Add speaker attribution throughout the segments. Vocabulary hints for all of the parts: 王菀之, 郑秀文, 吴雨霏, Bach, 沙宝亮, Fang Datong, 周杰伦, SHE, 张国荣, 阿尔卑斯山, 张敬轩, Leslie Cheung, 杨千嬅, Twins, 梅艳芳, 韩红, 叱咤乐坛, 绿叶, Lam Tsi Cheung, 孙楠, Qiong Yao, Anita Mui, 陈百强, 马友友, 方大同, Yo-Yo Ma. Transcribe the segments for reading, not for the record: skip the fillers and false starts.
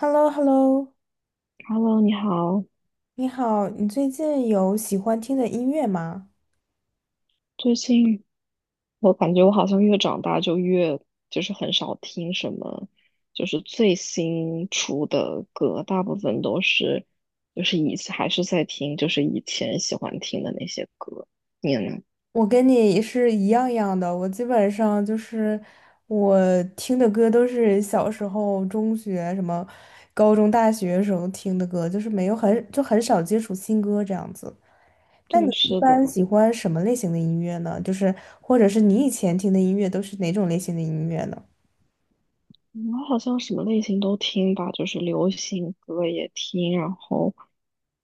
Speaker 1: h e l l o h e l l o
Speaker 2: Hello，你好。
Speaker 1: 你好，你最近有喜欢听的音乐吗？
Speaker 2: 最近我感觉我好像越长大就越就是很少听什么，就是最新出的歌，大部分都是就是还是在听就是以前喜欢听的那些歌。你呢？
Speaker 1: 我跟你是一样的，我基本上就是我听的歌都是小时候、中学、什么高中、大学时候听的歌，就是没有很就很少接触新歌这样子。那你
Speaker 2: 对，
Speaker 1: 一
Speaker 2: 是
Speaker 1: 般
Speaker 2: 的。
Speaker 1: 喜欢什么类型的音乐呢？就是或者是你以前听的音乐都是哪种类型的音乐呢？
Speaker 2: 我好像什么类型都听吧，就是流行歌也听，然后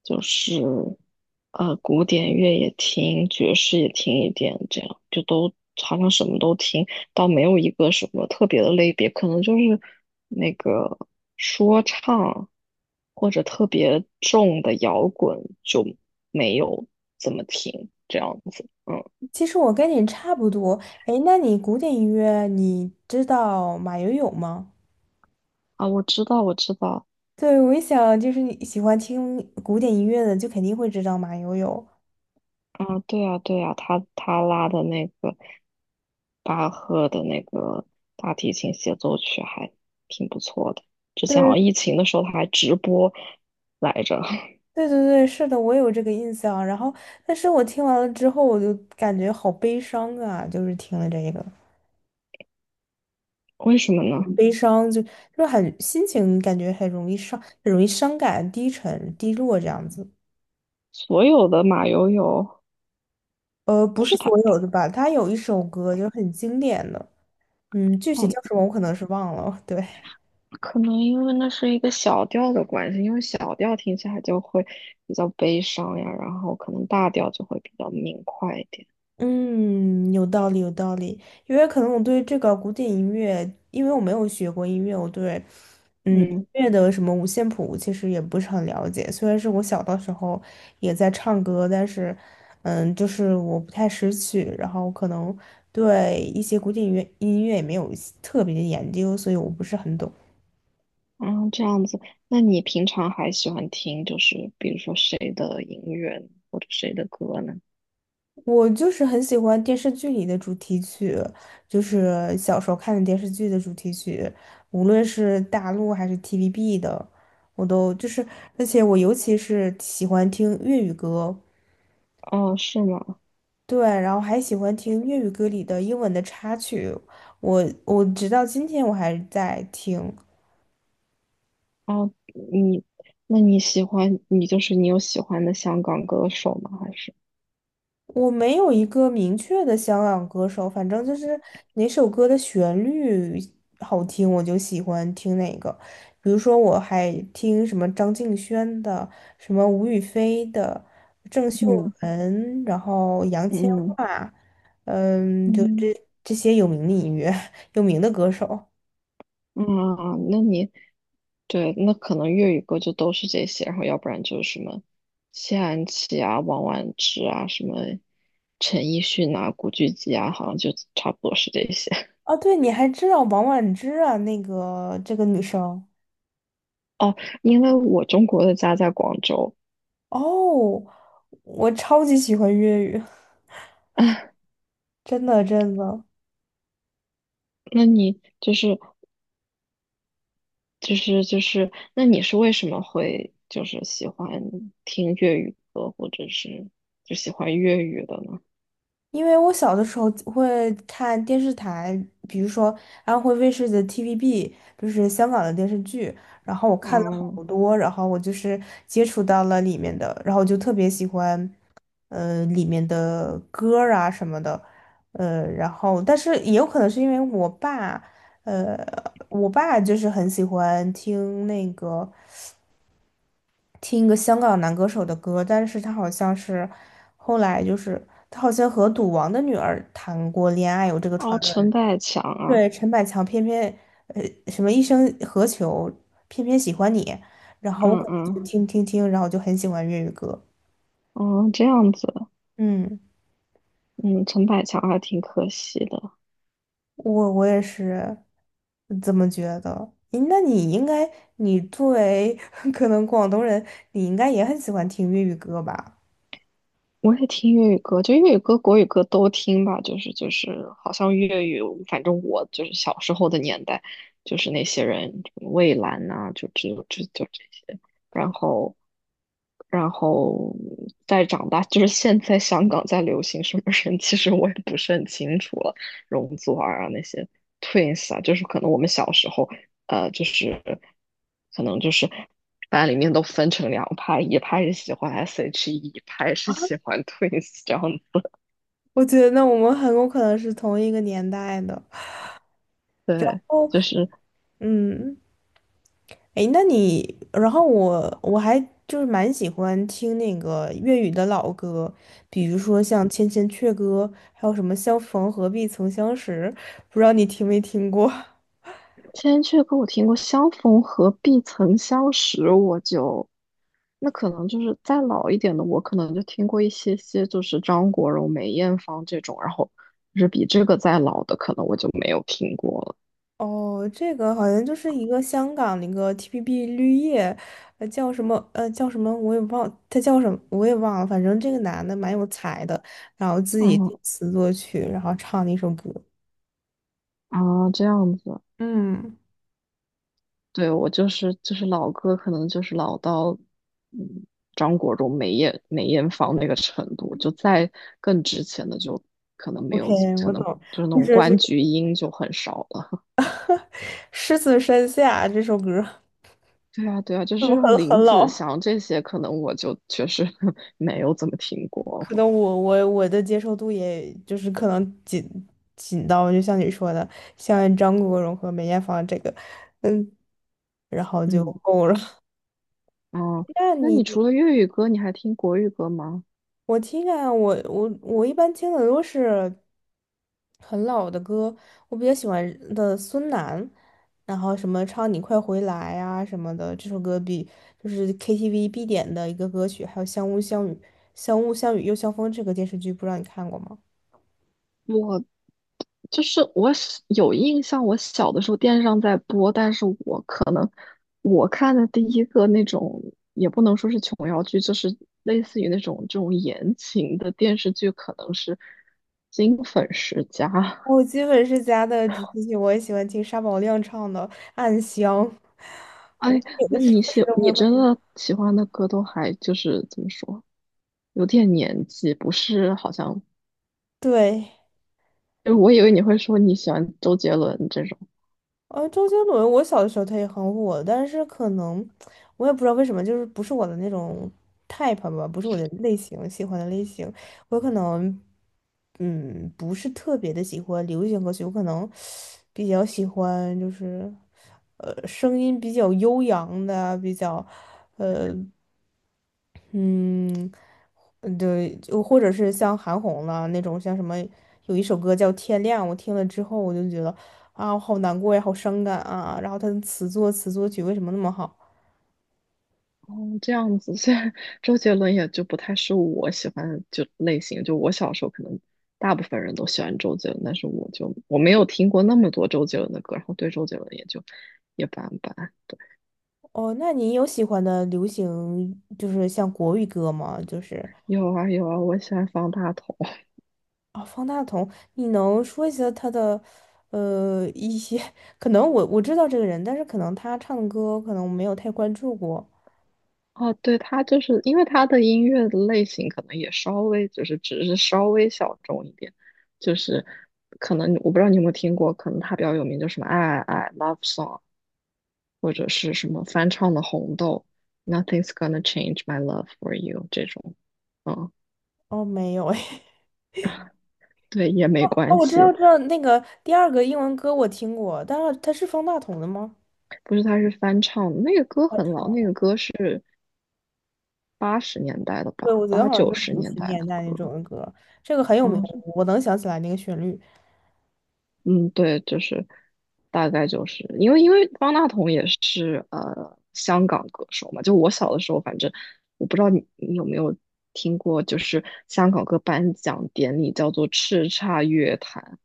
Speaker 2: 就是古典乐也听，爵士也听一点，这样就都好像什么都听，倒没有一个什么特别的类别，可能就是那个说唱或者特别重的摇滚就没有怎么听这样子。嗯
Speaker 1: 其实我跟你差不多。哎，那你古典音乐你知道马友友吗？
Speaker 2: 啊，我知道，我知道。
Speaker 1: 对，我一想就是你喜欢听古典音乐的，就肯定会知道马友友。
Speaker 2: 啊，对啊，对啊，他拉的那个巴赫的那个大提琴协奏曲还挺不错的。之前好
Speaker 1: 对，
Speaker 2: 像疫情的时候他还直播来着，
Speaker 1: 对对对，是的，我有这个印象。然后，但是我听完了之后，我就感觉好悲伤啊，就是听了这个，
Speaker 2: 为什么呢？
Speaker 1: 很悲伤就很心情感觉很容易伤，很容易伤感、低沉、低落这样子。
Speaker 2: 所有的马友友
Speaker 1: 不
Speaker 2: 就
Speaker 1: 是
Speaker 2: 是他
Speaker 1: 所有
Speaker 2: 他
Speaker 1: 的吧，他有一首歌就是很经典的，具
Speaker 2: 哦，
Speaker 1: 体叫什么我可能是忘了。对，
Speaker 2: 可能因为那是一个小调的关系，因为小调听起来就会比较悲伤呀，然后可能大调就会比较明快一点。
Speaker 1: 嗯，有道理，有道理。因为可能我对这个古典音乐，因为我没有学过音乐，我对音
Speaker 2: 嗯。
Speaker 1: 乐的什么五线谱其实也不是很了解。虽然是我小的时候也在唱歌，但是就是我不太识曲，然后可能对一些古典音乐也没有特别的研究，所以我不是很懂。
Speaker 2: 啊，这样子，那你平常还喜欢听，就是比如说谁的音乐呢或者谁的歌呢？
Speaker 1: 我就是很喜欢电视剧里的主题曲，就是小时候看的电视剧的主题曲，无论是大陆还是 TVB 的，我都就是，而且我尤其是喜欢听粤语歌。
Speaker 2: 哦，是吗？
Speaker 1: 对，然后还喜欢听粤语歌里的英文的插曲，我直到今天我还在听。
Speaker 2: 哦，你，那你喜欢，你就是你有喜欢的香港歌手吗？还是，
Speaker 1: 我没有一个明确的香港歌手，反正就是哪首歌的旋律好听，我就喜欢听哪个。比如说，我还听什么张敬轩的，什么吴雨霏的，郑秀
Speaker 2: 嗯
Speaker 1: 文，然后杨千
Speaker 2: 嗯
Speaker 1: 嬅，就这
Speaker 2: 嗯
Speaker 1: 这些有名的音乐，有名的歌手。
Speaker 2: 嗯，那你，对，那可能粤语歌就都是这些，然后要不然就是什么谢安琪啊、王婉之啊、什么陈奕迅啊、古巨基啊，好像就差不多是这些。
Speaker 1: 哦，对，你还知道王菀之啊？那个这个女生。
Speaker 2: 哦，因为我中国的家在广州，
Speaker 1: 哦，我超级喜欢粤语，
Speaker 2: 啊，
Speaker 1: 真的真的。
Speaker 2: 那你就是，那你是为什么会就是喜欢听粤语歌，或者是就喜欢粤语的呢？
Speaker 1: 因为我小的时候会看电视台，比如说安徽卫视的 TVB，就是香港的电视剧，然后我看了好
Speaker 2: 嗯，
Speaker 1: 多，然后我就是接触到了里面的，然后我就特别喜欢，里面的歌儿啊什么的，然后但是也有可能是因为我爸，呃，我爸就是很喜欢听那个。听一个香港男歌手的歌，但是他好像是后来就是他好像和赌王的女儿谈过恋爱，有这个传
Speaker 2: 哦，
Speaker 1: 闻。
Speaker 2: 陈百强啊，
Speaker 1: 对，陈百强偏偏呃什么一生何求，偏偏喜欢你，然后我
Speaker 2: 嗯
Speaker 1: 可能
Speaker 2: 嗯
Speaker 1: 就听听听，然后就很喜欢粤语歌。
Speaker 2: 哦，这样子，
Speaker 1: 嗯，
Speaker 2: 嗯，陈百强还挺可惜的。
Speaker 1: 我也是这么觉得。诶那你应该，你作为 可能广东人，你应该也很喜欢听粤语歌吧？
Speaker 2: 我也听粤语歌，就粤语歌、国语歌都听吧。就是，好像粤语，反正我就是小时候的年代，就是那些人，蔚蓝呐、就只有就这些。然后，然后再长大，就是现在香港在流行什么人，其实我也不是很清楚了。容祖儿啊，那些 Twins 啊，就是可能我们小时候就是可能就是大家里面都分成两派，一派是喜欢 SHE，一派是喜欢 Twins 这样的。
Speaker 1: 我觉得那我们很有可能是同一个年代的。
Speaker 2: 对，就是
Speaker 1: 嗯。诶，那你，然后我还就是蛮喜欢听那个粤语的老歌，比如说像《千千阙歌》，还有什么《相逢何必曾相识》，不知道你听没听过？
Speaker 2: 千阙歌我听过《相逢何必曾相识》，那可能就是再老一点的，我可能就听过一些些，就是张国荣、梅艳芳这种，然后就是比这个再老的，可能我就没有听过了。
Speaker 1: 哦，这个好像就是一个香港的一个 TPB 绿叶，叫什么叫什么我也忘，他叫什么我也忘了，反正这个男的蛮有才的，然后自己
Speaker 2: 嗯
Speaker 1: 作词作曲，然后唱了一首歌。
Speaker 2: 啊，这样子。
Speaker 1: 嗯，
Speaker 2: 对，我就是老歌，可能就是老到嗯张国荣、梅艳芳那个程度，就再更之前的就可能没
Speaker 1: OK，
Speaker 2: 有，可
Speaker 1: 我
Speaker 2: 能
Speaker 1: 懂。
Speaker 2: 就是那
Speaker 1: 或
Speaker 2: 种
Speaker 1: 者是
Speaker 2: 关菊英就很少了。
Speaker 1: 《狮子山下》这首歌。
Speaker 2: 对啊，对啊，就 是
Speaker 1: 怎
Speaker 2: 这
Speaker 1: 么
Speaker 2: 种
Speaker 1: 很
Speaker 2: 林
Speaker 1: 很
Speaker 2: 子
Speaker 1: 老？
Speaker 2: 祥这些，可能我就确实 没有怎么听过
Speaker 1: 可
Speaker 2: 了。
Speaker 1: 能我的接受度也就是可能紧到，就像你说的，像张国荣和梅艳芳这个，嗯，然后就
Speaker 2: 嗯，
Speaker 1: 够了。
Speaker 2: 哦，
Speaker 1: 那
Speaker 2: 那你除
Speaker 1: 你
Speaker 2: 了粤语歌，你还听国语歌吗？
Speaker 1: 我听啊，我一般听的都是很老的歌，我比较喜欢的孙楠，然后什么唱《你快回来》啊什么的，这首歌比就是 KTV 必点的一个歌曲，还有《相雾相雨》《相雾相雨又相风》这个电视剧，不知道你看过吗？
Speaker 2: 我。就是我小有印象，我小的时候电视上在播，但是我可能我看的第一个那种也不能说是琼瑶剧，就是类似于这种言情的电视剧，可能是《金粉世家》。
Speaker 1: 我基本是家的主题曲，我也喜欢听沙宝亮唱的《暗香》，我
Speaker 2: 哎，
Speaker 1: 有的
Speaker 2: 那
Speaker 1: 时
Speaker 2: 你
Speaker 1: 候是都会
Speaker 2: 你
Speaker 1: 会。
Speaker 2: 真的喜欢的歌都还就是怎么说，有点年纪，不是好像，
Speaker 1: 对，
Speaker 2: 因为我以为你会说你喜欢周杰伦这种。
Speaker 1: 周杰伦，我小的时候他也很火，但是可能我也不知道为什么，就是不是我的那种 type 吧，不是我的类型，喜欢的类型，我可能不是特别的喜欢流行歌曲，我可能比较喜欢就是声音比较悠扬的啊，比较。呃。嗯，对，就或者是像韩红了那种，像什么有一首歌叫《天亮》，我听了之后我就觉得啊，我好难过呀，好伤感啊。然后他的词作词作曲为什么那么好？
Speaker 2: 哦，这样子，现在周杰伦也就不太是我喜欢的就类型。就我小时候可能大部分人都喜欢周杰伦，但是我没有听过那么多周杰伦的歌，然后对周杰伦也就一般般。
Speaker 1: 哦，那你有喜欢的流行就是像国语歌吗？就是
Speaker 2: 有啊有啊，我喜欢方大同。
Speaker 1: 啊，方大同，你能说一下他的一些？可能我知道这个人，但是可能他唱的歌可能我没有太关注过。
Speaker 2: 哦，对，他就是因为他的音乐的类型可能也稍微就是只是稍微小众一点，就是可能我不知道你有没有听过，可能他比较有名就什么爱爱爱 Love Song。或者是什么翻唱的《红豆》，Nothing's gonna change my love for you 这种，嗯，
Speaker 1: 哦，没有哎。
Speaker 2: 对，也没
Speaker 1: 哦，
Speaker 2: 关
Speaker 1: 我知
Speaker 2: 系。
Speaker 1: 道，我知道那个第二个英文歌我听过，但是它是方大同的吗？
Speaker 2: 不是，他是翻唱的，那个歌
Speaker 1: 他
Speaker 2: 很
Speaker 1: 唱
Speaker 2: 老，那
Speaker 1: 了。
Speaker 2: 个歌是80年代的
Speaker 1: 对，
Speaker 2: 吧，
Speaker 1: 我觉得
Speaker 2: 八
Speaker 1: 好像
Speaker 2: 九
Speaker 1: 就是
Speaker 2: 十
Speaker 1: 九
Speaker 2: 年
Speaker 1: 十
Speaker 2: 代
Speaker 1: 年
Speaker 2: 的
Speaker 1: 代那
Speaker 2: 歌。
Speaker 1: 种的歌，这个很有名，
Speaker 2: 嗯
Speaker 1: 我能想起来那个旋律。
Speaker 2: 嗯，对，就是大概就是因为方大同也是香港歌手嘛，就我小的时候，反正我不知道你有没有听过，就是香港歌颁奖典礼叫做叱咤乐坛。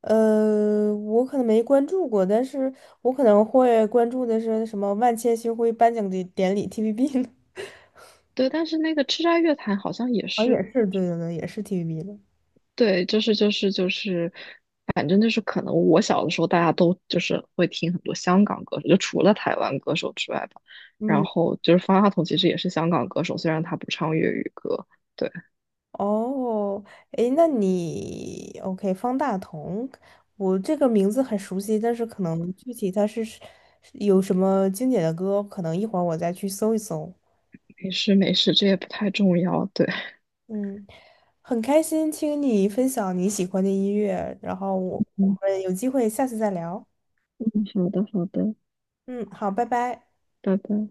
Speaker 1: 我可能没关注过，但是我可能会关注的是什么万千星辉颁奖的典礼 TVB 呢？
Speaker 2: 对，但是那个叱咤乐坛好像也
Speaker 1: 好像也
Speaker 2: 是，
Speaker 1: 是，对对对，也是 TVB 的。
Speaker 2: 对，就是，反正就是可能我小的时候大家都就是会听很多香港歌手，就除了台湾歌手之外吧。然
Speaker 1: 嗯。
Speaker 2: 后就是方大同其实也是香港歌手，虽然他不唱粤语歌。对，
Speaker 1: 哦，诶，那你 OK，方大同，我这个名字很熟悉，但是可能具体他是有什么经典的歌，可能一会儿我再去搜一搜。
Speaker 2: 没事没事，这也不太重要。对，
Speaker 1: 嗯，很开心听你分享你喜欢的音乐，然后我我
Speaker 2: 嗯
Speaker 1: 们有机会下次再聊。
Speaker 2: 嗯，好的好的，
Speaker 1: 嗯，好，拜拜。
Speaker 2: 拜拜。